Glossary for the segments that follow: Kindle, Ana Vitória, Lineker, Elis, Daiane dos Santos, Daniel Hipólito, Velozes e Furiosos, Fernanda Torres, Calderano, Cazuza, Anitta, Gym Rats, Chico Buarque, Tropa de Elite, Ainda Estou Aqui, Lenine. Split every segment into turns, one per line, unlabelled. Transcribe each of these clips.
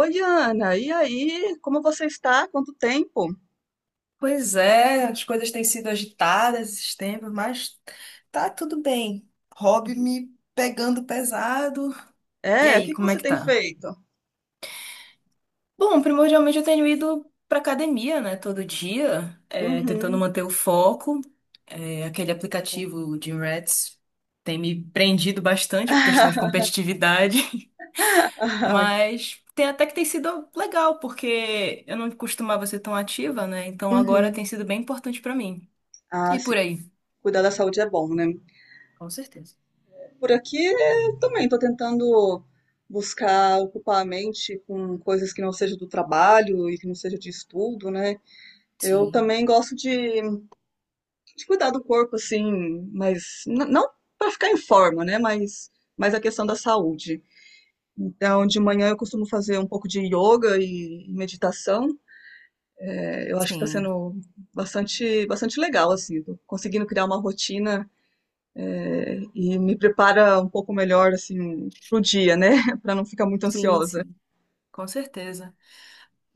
Oi, Ana, e aí? Como você está? Quanto tempo?
Pois é, as coisas têm sido agitadas esses tempos, mas tá tudo bem.
Tá tudo
Hobby
bem.
me pegando pesado. E
O
aí,
que que
como é
você
que
tem
tá?
feito?
Bom, primordialmente eu tenho ido pra academia, né, todo dia, tentando
Uhum.
manter o foco. Aquele
Ai, que bom.
aplicativo, o Gym Rats, tem me prendido bastante por questão de competitividade,
Ah,
mas tem até que tem sido legal, porque eu não costumava ser tão ativa, né? Então agora
uhum.
tem sido bem importante pra mim.
Ah,
E
sim.
por aí?
Cuidar da saúde é bom, né?
Com certeza.
Por aqui eu também estou tentando buscar ocupar a mente com coisas que não sejam do trabalho e que não seja de estudo, né? Eu
Sim,
também gosto de cuidar do corpo, assim, mas não para ficar em forma, né? Mas a questão da saúde. Então, de manhã eu costumo fazer um pouco de yoga e meditação. Eu acho que está
sim,
sendo bastante legal, assim, tô conseguindo criar uma rotina, e me prepara um pouco melhor, assim, pro dia, né? Para não ficar muito
sim,
ansiosa.
sim, com certeza.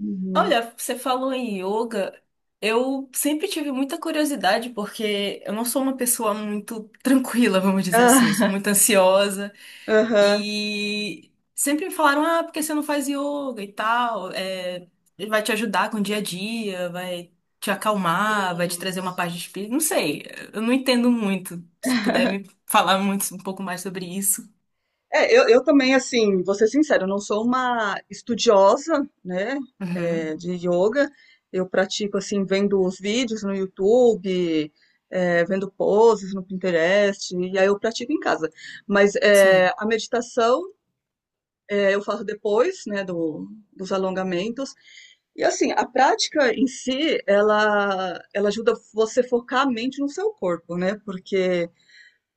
Uhum.
Olha, você falou em yoga. Eu sempre tive muita curiosidade, porque eu não sou uma pessoa muito tranquila, vamos dizer assim. Eu sou
Ah,
muito ansiosa.
aham,
E sempre me falaram, ah, porque você não faz yoga e tal? Vai te ajudar com o dia a dia, vai te acalmar, vai te
sim.
trazer uma paz de espírito. Não sei, eu não entendo muito. Se puder me falar muito, um pouco mais sobre isso.
Eu também, assim, vou ser sincera, eu não sou uma estudiosa, né,
Uhum,
de yoga. Eu pratico, assim, vendo os vídeos no YouTube, vendo poses no Pinterest, e aí eu pratico em casa. Mas
sim,
a meditação eu faço depois, né, dos alongamentos. E, assim, a prática em si, ela ajuda você a focar a mente no seu corpo, né, porque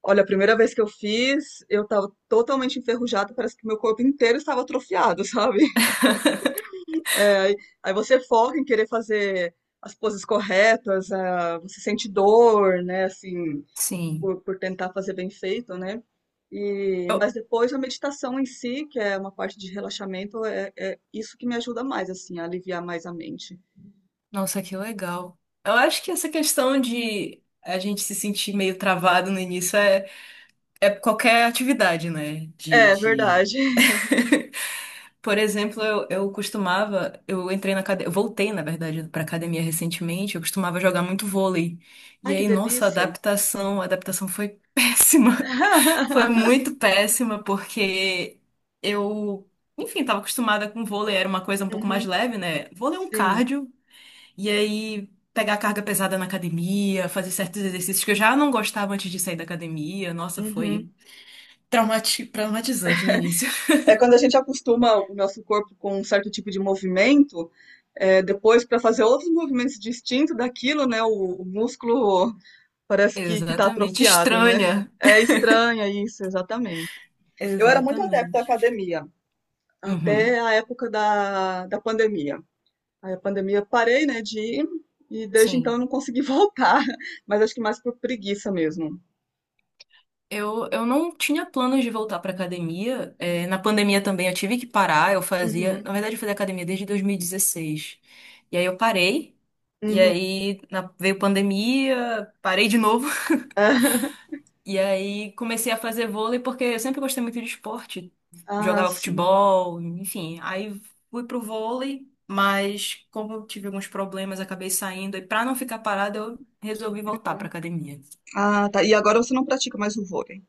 olha, a primeira vez que eu fiz, eu tava totalmente enferrujada, parece que meu corpo inteiro estava atrofiado, sabe? Aí aí você foca em querer fazer as poses corretas, ah, você sente dor, né, assim,
sim.
por tentar fazer bem feito, né? E, mas depois a meditação em si, que é uma parte de relaxamento, é isso que me ajuda mais, assim, a aliviar mais a mente.
Nossa, que legal. Eu acho que essa questão de a gente se sentir meio travado no início é qualquer atividade, né?
É verdade.
Por exemplo, eu costumava, eu entrei na academia, voltei, na verdade, pra academia recentemente, eu costumava jogar muito vôlei. E
Ai, que
aí, nossa,
delícia.
a adaptação foi péssima. Foi muito péssima, porque eu, enfim, estava acostumada com vôlei, era uma coisa um pouco mais
Uhum,
leve, né? Vôlei é um
sim.
cardio, e aí pegar carga pesada na academia, fazer certos exercícios que eu já não gostava antes de sair da academia. Nossa,
Uhum.
foi traumatizante no início.
É quando a gente acostuma o nosso corpo com um certo tipo de movimento, depois para fazer outros movimentos distintos daquilo, né? O músculo parece que está
Exatamente.
atrofiado, né?
Estranha.
É estranho isso, exatamente. Eu era muito adepta à
Exatamente.
academia, até
Uhum.
a época da pandemia. Aí a pandemia parei, né, de ir, e desde então eu
Sim.
não consegui voltar, mas acho que mais por preguiça mesmo.
Eu não tinha planos de voltar pra academia. Na pandemia também eu tive que parar. Eu fazia,
Uhum,
na verdade, eu fazia academia desde 2016. E aí eu parei. E
uhum.
aí veio pandemia, parei de novo. E aí comecei a fazer vôlei porque eu sempre gostei muito de esporte.
Ah,
Jogava
sim.
futebol, enfim. Aí fui pro vôlei, mas como eu tive alguns problemas, acabei saindo. E pra não ficar parada, eu resolvi voltar pra academia.
Ah, tá. E agora você não pratica mais o vôlei.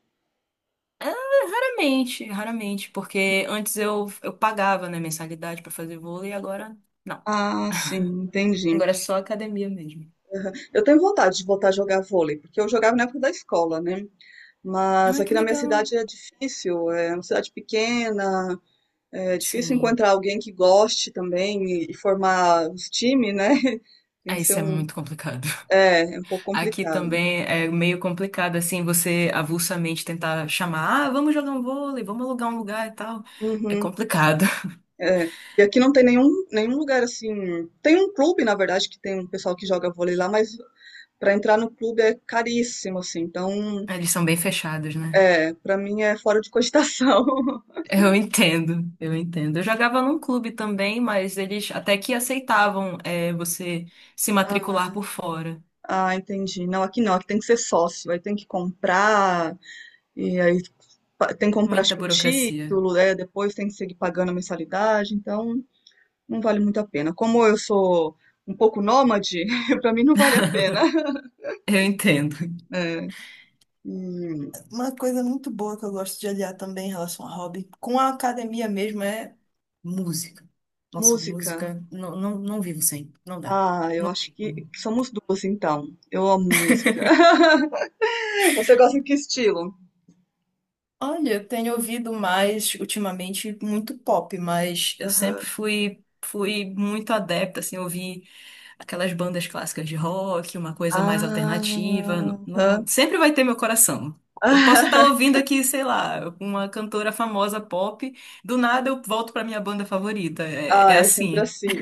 Raramente, raramente, porque antes eu pagava, né, mensalidade pra fazer vôlei e agora não.
Ah, sim, entendi.
Agora é só academia mesmo.
Eu tenho vontade de voltar a jogar vôlei, porque eu jogava na época da escola, né? Mas
Ah, que
aqui na minha
legal.
cidade é difícil, é uma cidade pequena, é difícil
Sim.
encontrar alguém que goste também e formar os times, né? Tem
Ah,
que ser
isso é
um,
muito complicado.
é um pouco
Aqui
complicado.
também é meio complicado, assim, você avulsamente tentar chamar, ah, vamos jogar um vôlei, vamos alugar um lugar e tal. É
Uhum,
complicado.
é. E aqui não tem nenhum lugar assim. Tem um clube, na verdade, que tem um pessoal que joga vôlei lá, mas para entrar no clube é caríssimo, assim. Então,
Eles são bem fechados, né?
é para mim é fora de cogitação.
Eu entendo, eu entendo. Eu jogava num clube também, mas eles até que aceitavam, você se matricular
Ah,
por fora.
ah, entendi. Não, aqui não, aqui tem que ser sócio, aí tem que comprar, e aí tem que comprar, acho
Muita
que o
burocracia.
título, depois tem que seguir pagando a mensalidade, então não vale muito a pena. Como eu sou um pouco nômade, pra mim não vale a pena.
Eu entendo.
É, e
Uma coisa muito boa que eu gosto de aliar também em relação a hobby, com a academia mesmo, é música. Nossa,
música.
música, não, não, não vivo sem, não dá.
Ah, eu
Não
acho
tem.
que somos duas, então. Eu amo música. Você gosta de que estilo?
Olha, eu tenho ouvido mais ultimamente muito pop, mas eu
Aham.
sempre fui muito adepta, assim, ouvi aquelas bandas clássicas de rock, uma coisa mais
Ah,
alternativa,
aham.
sempre vai ter meu coração. Eu posso estar ouvindo aqui, sei lá, uma cantora famosa pop, do nada eu volto para minha banda favorita. É
Ah, é sempre
assim.
assim.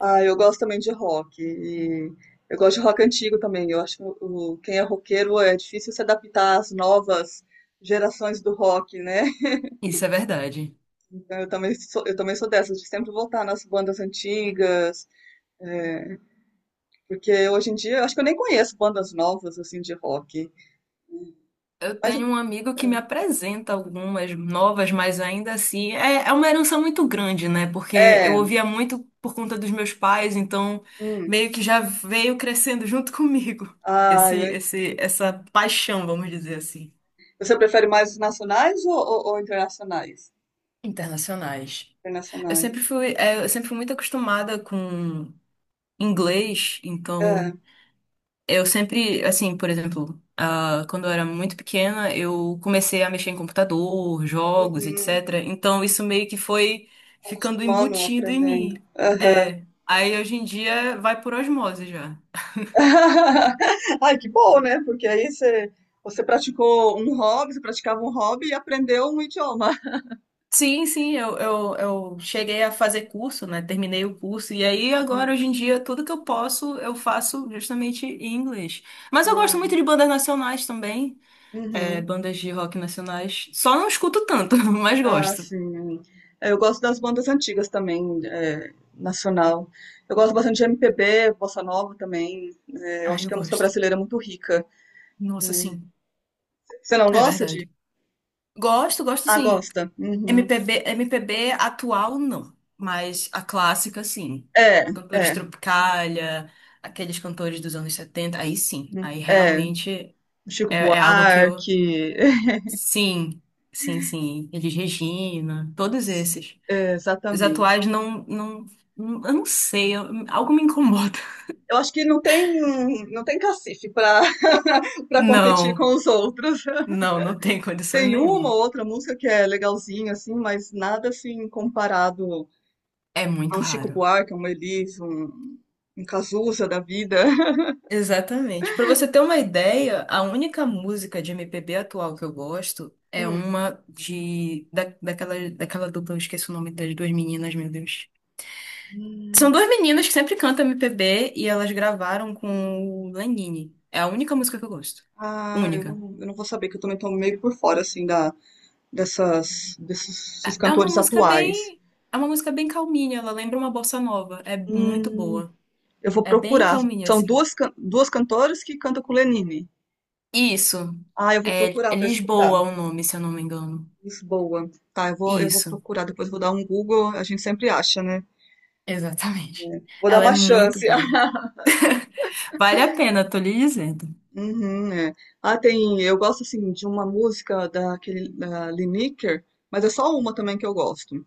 Ah, eu gosto também de rock. E eu gosto de rock antigo também. Eu acho que quem é roqueiro é difícil se adaptar às novas gerações do rock, né?
Isso é verdade.
Então eu também sou dessas, de sempre voltar nas bandas antigas. é, porque hoje em dia eu acho que eu nem conheço bandas novas assim de rock.
Eu
Mas eu-
tenho um amigo que me apresenta algumas novas, mas ainda assim é uma herança muito grande, né? Porque eu
é.
ouvia muito por conta dos meus pais, então
Hum.
meio que já veio crescendo junto comigo
ah, eu-
essa paixão, vamos dizer assim,
você prefere mais os nacionais ou internacionais?
internacionais. Eu
Internacionais.
sempre fui, é, eu sempre fui muito acostumada com inglês, então
É.
eu sempre, assim, por exemplo, ah, quando eu era muito pequena, eu comecei a mexer em computador, jogos,
Uhum.
etc. Então isso meio que foi ficando
Acostumando,
embutido em
aprendendo.
mim. É. Aí hoje em dia vai por osmose já.
Ai, que bom, né? Porque você praticou um hobby, você praticava um hobby e aprendeu um idioma.
Sim, sim, eu cheguei a fazer curso, né? Terminei o curso. E aí, agora, hoje em dia, tudo que eu posso, eu faço justamente em inglês. Mas eu gosto
Ai,
muito de bandas nacionais também,
uhum.
bandas de rock nacionais. Só não escuto tanto, mas
Ah,
gosto.
sim. É, eu gosto das bandas antigas também, nacional. Eu gosto bastante de MPB, bossa nova também. Eu
Ah,
acho
eu
que a música
gosto.
brasileira é muito rica.
Nossa, sim.
Você não
É
gosta de?
verdade. Gosto, gosto
Ah,
sim.
gosta. Uhum.
MPB, MPB atual, não. Mas a clássica, sim.
É,
Cantores
é,
Tropicália, aqueles cantores dos anos 70 aí sim. Aí
é.
realmente
Chico
é algo que eu.
Buarque,
Sim, sim, sim. Eles Regina, todos esses. Os
exatamente.
atuais não, não, eu não sei, algo me incomoda.
Eu acho que não tem, não tem cacife para para competir
Não,
com os outros.
não, não tem condições
Tem uma
nenhuma.
ou outra música que é legalzinha, assim, mas nada assim comparado
É
a
muito
um Chico
raro.
Buarque, a um Elis, um Cazuza da vida.
Exatamente. Para você ter uma ideia, a única música de MPB atual que eu gosto é
Hum.
uma de da, daquela daquela dupla, eu esqueci o nome das duas meninas, meu Deus. São
Hum.
duas meninas que sempre cantam MPB e elas gravaram com o Lenine. É a única música que eu gosto.
Ah,
Única.
eu não vou saber, que eu também tô meio por fora, assim, da, dessas, desses
É
desses
é uma
cantores
música
atuais.
bem é uma música bem calminha, ela lembra uma bossa nova, é muito
Hum,
boa.
eu vou
É bem
procurar.
calminha
São
assim.
duas, duas cantoras que cantam com Lenine.
Isso.
Ah, eu vou
É
procurar
é
para escutar.
Lisboa o nome, se eu não me engano.
Lisboa. Tá, eu vou
Isso.
procurar, depois vou dar um Google, a gente sempre acha, né?
Exatamente.
Vou dar
Ela é
uma
muito
chance.
boa. Vale a pena, tô lhe dizendo.
Uhum, é. Ah, tem. Eu gosto assim de uma música daquele da Lineker, mas é só uma também que eu gosto.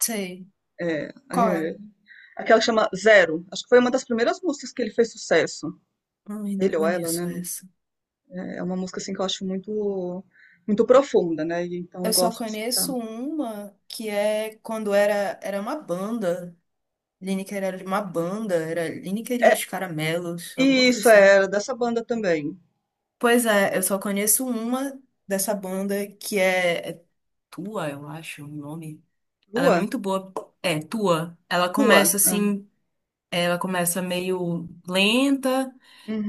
Sei.
É,
Qual é?
é, aquela que chama Zero. Acho que foi uma das primeiras músicas que ele fez sucesso.
Ai, não
Ele ou ela,
conheço
né?
essa.
É é uma música assim que eu acho muito profunda, né? E, então eu
Eu só
gosto de escutar.
conheço uma que é quando era uma banda. Lineker era uma banda, era Lineker e
É,
os Caramelos,
e
alguma coisa
isso
assim.
é dessa banda também.
Pois é, eu só conheço uma dessa banda que é Tua, eu acho, o nome. Ela é
Lua?
muito boa. É, Tua. Ela
Tua?
começa
Ah,
assim. Ela começa meio lenta,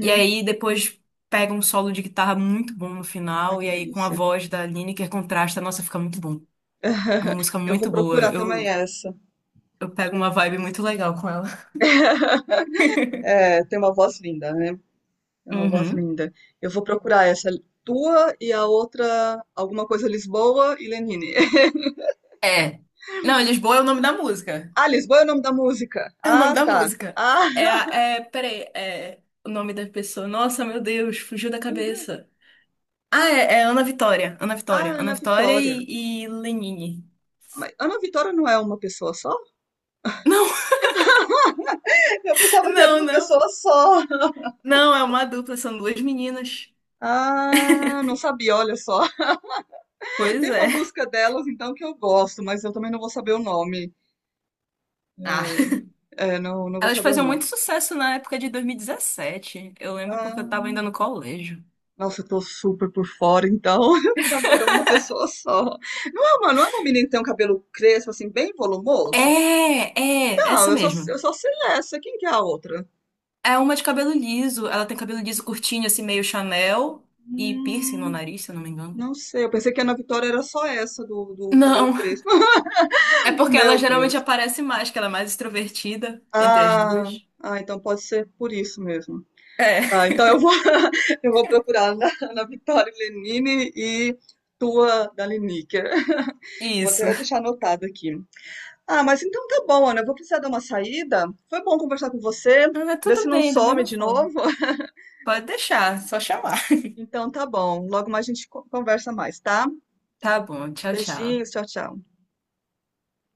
e aí depois pega um solo de guitarra muito bom no
Ai,
final,
que
e aí com a
delícia.
voz da Lineker contrasta, nossa, fica muito bom. É uma música
Eu vou
muito boa.
procurar também essa.
Eu pego uma vibe muito legal com ela.
É, tem uma voz linda, né? É uma voz
Uhum.
linda. Eu vou procurar essa tua e a outra, alguma coisa Lisboa e Lenine.
É. Não, Lisboa é o nome da música.
Ah, Lisboa é o nome da música.
É o nome
Ah,
da
tá.
música.
Ah,
É, peraí, é o nome da pessoa. Nossa, meu Deus, fugiu da cabeça. Ah, é Ana Vitória. Ana Vitória.
ah,
Ana
Ana
Vitória
Vitória.
e Lenine.
Mas Ana Vitória não é uma pessoa só?
Não,
Eu pensava que era
não,
uma
não.
pessoa só.
Não, é uma dupla, são duas meninas.
Ah, não sabia, olha só.
Pois
Tem uma
é.
música delas, então, que eu gosto, mas eu também não vou saber o nome.
Ah,
É, não vou
elas
saber o
faziam muito
nome.
sucesso na época de 2017. Eu lembro porque eu
Ah,
tava ainda no colégio.
nossa, eu tô super por fora, então. Eu pensava que era uma pessoa só. Não é uma menina que tem um cabelo crespo, assim, bem volumoso?
É,
Não,
Essa mesmo.
eu só sei essa. Quem que é a outra?
É uma de cabelo liso. Ela tem cabelo liso curtinho, assim, meio Chanel. E piercing no
Hum,
nariz, se eu não me engano.
não sei. Eu pensei que a Ana Vitória era só essa do cabelo
Não,
crespo.
é porque ela
Meu
geralmente
Deus.
aparece mais, que ela é mais extrovertida entre as
Ah,
duas.
ah, então pode ser por isso mesmo.
É,
Tá, então eu vou procurar na Vitória Lenine e tua da Liniker. Vou
isso.
até deixar anotado aqui. Ah, mas então tá bom, Ana. Eu vou precisar dar uma saída. Foi bom conversar com você,
Ah,
ver se
tudo
não
bem, da
some
mesma
de
forma.
novo.
Pode deixar, só chamar.
Então tá bom. Logo mais a gente conversa mais, tá?
Tá bom, tchau,
Beijinhos,
tchau.
tchau, tchau.